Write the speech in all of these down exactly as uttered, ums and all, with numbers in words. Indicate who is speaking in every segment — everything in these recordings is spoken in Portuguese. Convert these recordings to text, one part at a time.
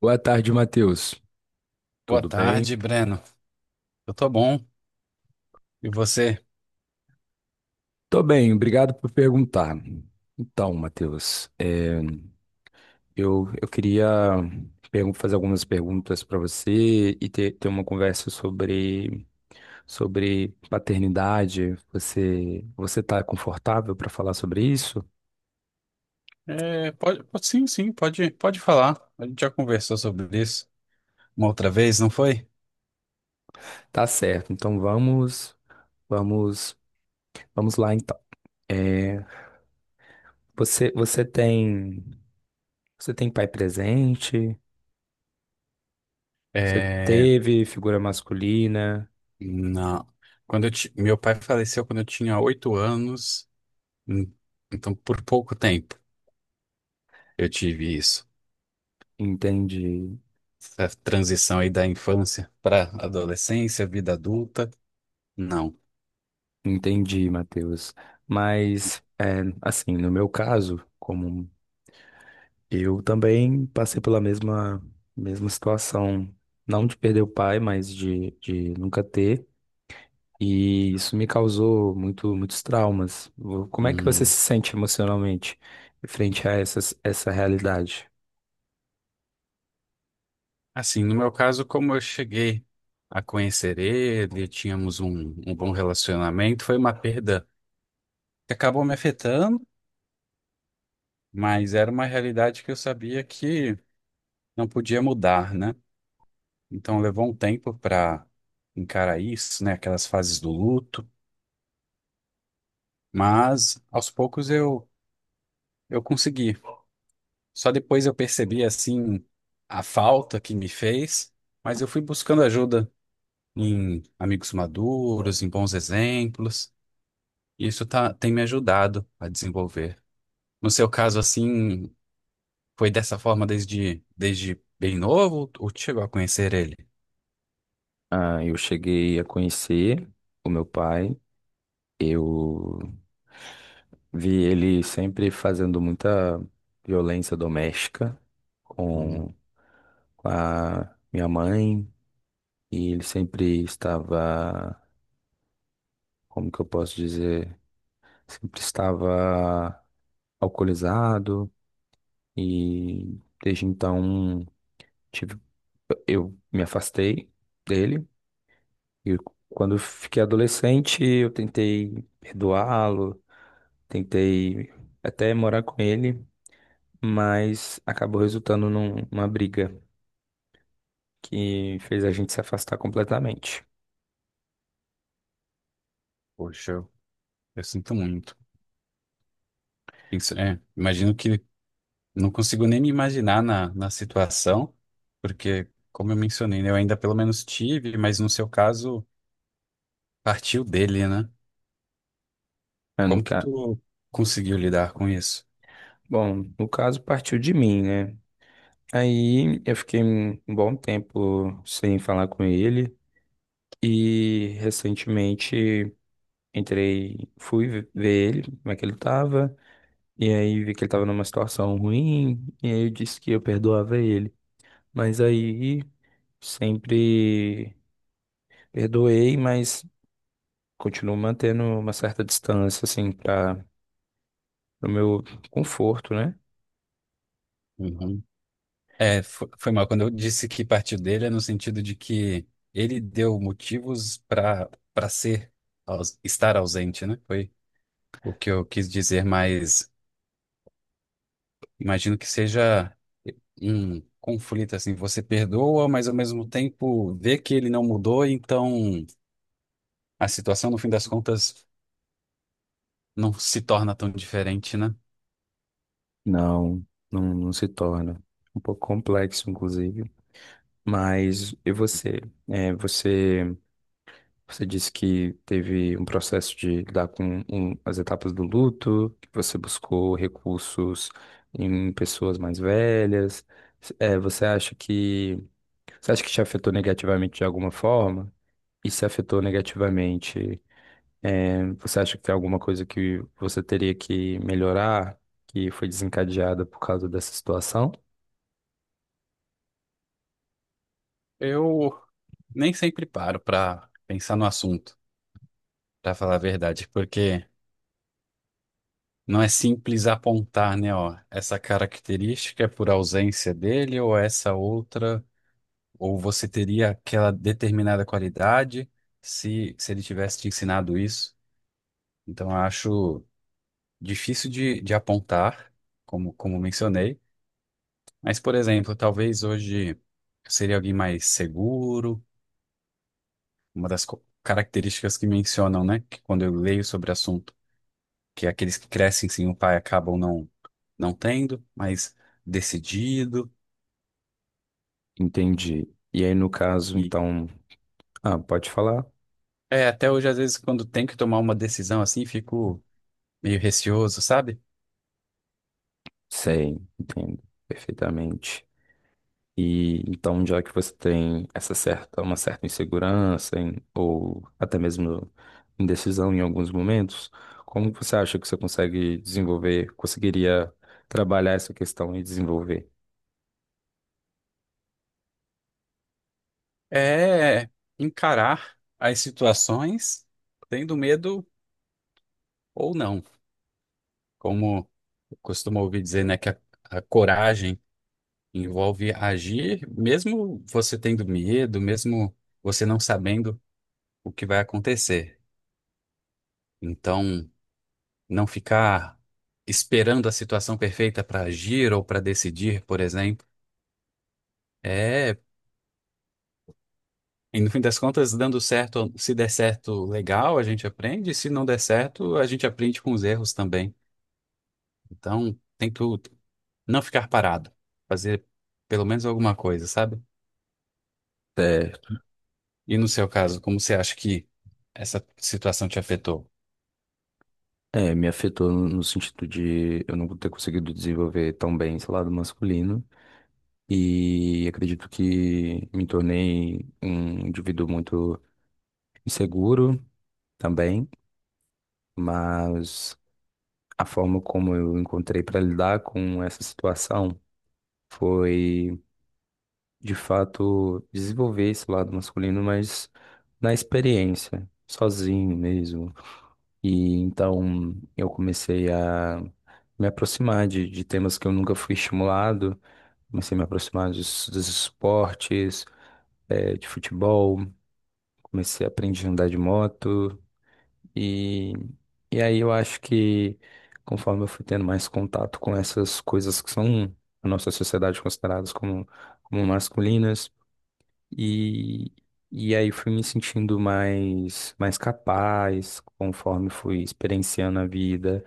Speaker 1: Boa tarde, Matheus.
Speaker 2: Boa
Speaker 1: Tudo bem?
Speaker 2: tarde, Breno. Eu tô bom. E você?
Speaker 1: Tô bem, obrigado por perguntar. Então, Matheus, é, eu, eu queria pergun- fazer algumas perguntas para você e ter, ter uma conversa sobre, sobre paternidade. Você, você tá confortável para falar sobre isso?
Speaker 2: É, pode, pode- sim, sim, pode, pode falar. A gente já conversou sobre isso uma outra vez, não foi?
Speaker 1: Tá certo. Então vamos, vamos, Vamos lá então. É, você, você tem, você tem pai presente? Você
Speaker 2: É,
Speaker 1: teve figura masculina?
Speaker 2: não. Quando eu ti- meu pai faleceu quando eu tinha oito anos, hum, então por pouco tempo eu tive isso.
Speaker 1: Entende?
Speaker 2: Essa transição aí da infância para adolescência, vida adulta, não.
Speaker 1: Entendi, Matheus. Mas, é, assim, no meu caso, como eu também passei pela mesma, mesma situação, não de perder o pai, mas de, de nunca ter, e isso me causou muito, muitos traumas. Vo- Como é que você
Speaker 2: Hum.
Speaker 1: se sente emocionalmente frente a essas, essa realidade?
Speaker 2: Assim, no meu caso, como eu cheguei a conhecer ele, tínhamos um, um bom relacionamento, foi uma perda que acabou me afetando, mas era uma realidade que eu sabia que não podia mudar, né? Então levou um tempo para encarar isso, né? Aquelas fases do luto, mas aos poucos eu, eu consegui. Só depois eu percebi, assim, a falta que me fez, mas eu fui buscando ajuda em amigos maduros, em bons exemplos. E isso tá, tem me ajudado a desenvolver. No seu caso, assim, foi dessa forma desde, desde bem novo, ou tu chegou a conhecer ele?
Speaker 1: Ah, eu cheguei a conhecer o meu pai, eu vi ele sempre fazendo muita violência doméstica
Speaker 2: Hum,
Speaker 1: com com a minha mãe, e ele sempre estava, como que eu posso dizer, sempre estava alcoolizado, e desde então tive, eu me afastei dele. E quando eu fiquei adolescente, eu tentei perdoá-lo, tentei até morar com ele, mas acabou resultando num- numa briga que fez a gente se afastar completamente.
Speaker 2: Poxa, eu, eu sinto muito. Isso, é, imagino que não consigo nem me imaginar na, na situação, porque, como eu mencionei, né, eu ainda pelo menos tive, mas no seu caso, partiu dele, né?
Speaker 1: É, no
Speaker 2: Como que
Speaker 1: ca...
Speaker 2: tu conseguiu lidar com isso?
Speaker 1: Bom, no caso partiu de mim, né? Aí eu fiquei um um bom tempo sem falar com ele, e recentemente entrei, fui ve- ver ele, como é que ele tava, e aí vi que ele tava numa situação ruim, e aí eu disse que eu perdoava ele. Mas aí sempre perdoei, mas continuo mantendo uma certa distância, assim, para o meu conforto, né?
Speaker 2: É, fo- foi, mal. Quando eu disse que partiu dele, é no sentido de que ele deu motivos para para ser, aus- estar ausente, né? Foi o que eu quis dizer, mas imagino que seja um conflito assim. Você perdoa, mas ao mesmo tempo vê que ele não mudou, então a situação, no fim das contas, não se torna tão diferente, né?
Speaker 1: Não, não, não se torna. Um pouco complexo, inclusive. Mas e você? É, você você disse que teve um processo de lidar com um- as etapas do luto, que você buscou recursos em pessoas mais velhas. S- eh, você acha que você acha que te afetou negativamente de alguma forma? E se afetou negativamente, eh, você acha que tem alguma coisa que você teria que melhorar, que foi desencadeada por causa dessa situação?
Speaker 2: Eu nem sempre paro para pensar no assunto, para falar a verdade, porque. Não é simples apontar, né, ó, essa característica é por ausência dele ou essa outra, ou você teria aquela determinada qualidade se, se ele tivesse te ensinado isso. Então, eu acho difícil de, de apontar, como, como mencionei. Mas, por exemplo, talvez hoje seria alguém mais seguro, uma das co- características que mencionam, né, que quando eu leio sobre o assunto, que é aqueles que crescem sem o pai acabam não, não tendo, mas decidido.
Speaker 1: Entendi. E aí, no caso,
Speaker 2: E
Speaker 1: então, ah, pode falar?
Speaker 2: é, até hoje, às vezes, quando tem que tomar uma decisão assim, fico meio receoso, sabe?
Speaker 1: Sei, entendo perfeitamente. E então, já que você tem essa certa, uma certa insegurança em- ou até mesmo indecisão em alguns momentos, como que você acha que você consegue desenvolver, conseguiria trabalhar essa questão e desenvolver?
Speaker 2: É encarar as situações tendo medo ou não. Como eu costumo ouvir dizer, né, que a, a coragem envolve agir, mesmo você tendo medo, mesmo você não sabendo o que vai acontecer. Então, não ficar esperando a situação perfeita para agir ou para decidir, por exemplo. É E no fim das contas, dando certo, se der certo, legal, a gente aprende. Se não der certo, a gente aprende com os erros também. Então, tem que não ficar parado, fazer pelo menos alguma coisa, sabe?
Speaker 1: É,
Speaker 2: E no seu caso, como você acha que essa situação te afetou?
Speaker 1: é, me afetou no no sentido de eu não ter conseguido desenvolver tão bem esse lado masculino, e acredito que me tornei um indivíduo muito inseguro também. Mas a forma como eu encontrei para lidar com essa situação foi, de fato, desenvolver esse lado masculino, mas na experiência, sozinho mesmo. E então eu comecei a me aproximar de, de temas que eu nunca fui estimulado, comecei a me aproximar dos, dos esportes, eh, de futebol, comecei a aprender a andar de moto. E, e aí eu acho que, conforme eu fui tendo mais contato com essas coisas que são na nossa sociedade consideradas como, como masculinas, e, e aí fui me sentindo mais, mais capaz. Conforme fui experienciando a vida,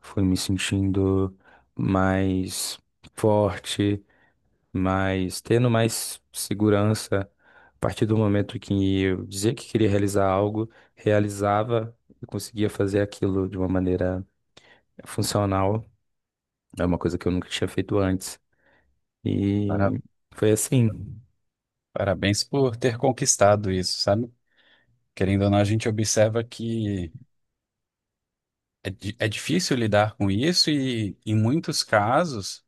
Speaker 1: fui me sentindo mais forte. Mas tendo mais segurança, a partir do momento que eu dizia que queria realizar algo, realizava e conseguia fazer aquilo de uma maneira funcional. É uma coisa que eu nunca tinha feito antes.
Speaker 2: Para-
Speaker 1: E foi assim.
Speaker 2: Parabéns por ter conquistado isso, sabe? Querendo ou não, a gente observa que é, di- é difícil lidar com isso e, em muitos casos.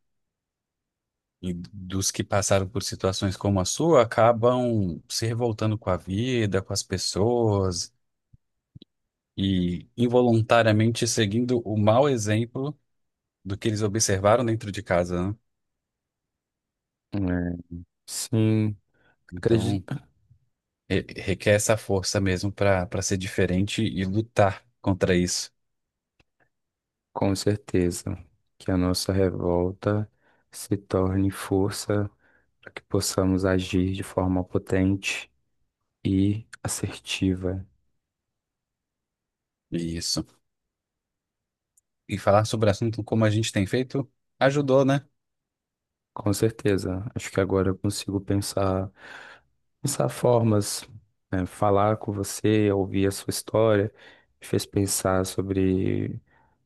Speaker 2: E dos que passaram por situações como a sua acabam se revoltando com a vida, com as pessoas e involuntariamente seguindo o mau exemplo do que eles observaram dentro de casa, né?
Speaker 1: É, sim,
Speaker 2: Então,
Speaker 1: acredito
Speaker 2: re- requer essa força mesmo para para ser diferente e lutar contra isso.
Speaker 1: com certeza que a nossa revolta se torne força para que possamos agir de forma potente e assertiva.
Speaker 2: Isso. E falar sobre o assunto como a gente tem feito ajudou, né?
Speaker 1: Com certeza. Acho que agora eu consigo pensar, pensar formas, né, falar com você, ouvir a sua história, me fez pensar sobre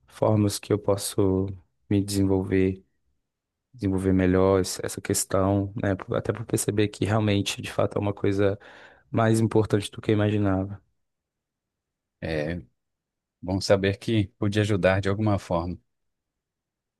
Speaker 1: formas que eu posso me desenvolver, desenvolver melhor es- essa questão, né? por- Até por perceber que realmente, de fato, é uma coisa mais importante do que eu imaginava.
Speaker 2: É bom saber que pude ajudar de alguma forma.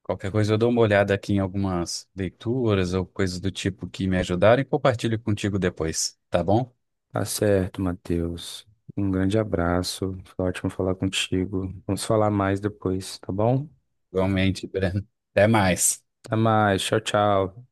Speaker 2: Qualquer coisa, eu dou uma olhada aqui em algumas leituras ou coisas do tipo que me ajudaram e compartilho contigo depois, tá bom?
Speaker 1: Tá certo, Matheus. Um grande abraço. Foi ótimo falar contigo. Vamos falar mais depois, tá bom?
Speaker 2: Igualmente, Breno. Até mais.
Speaker 1: Até mais. Tchau, tchau.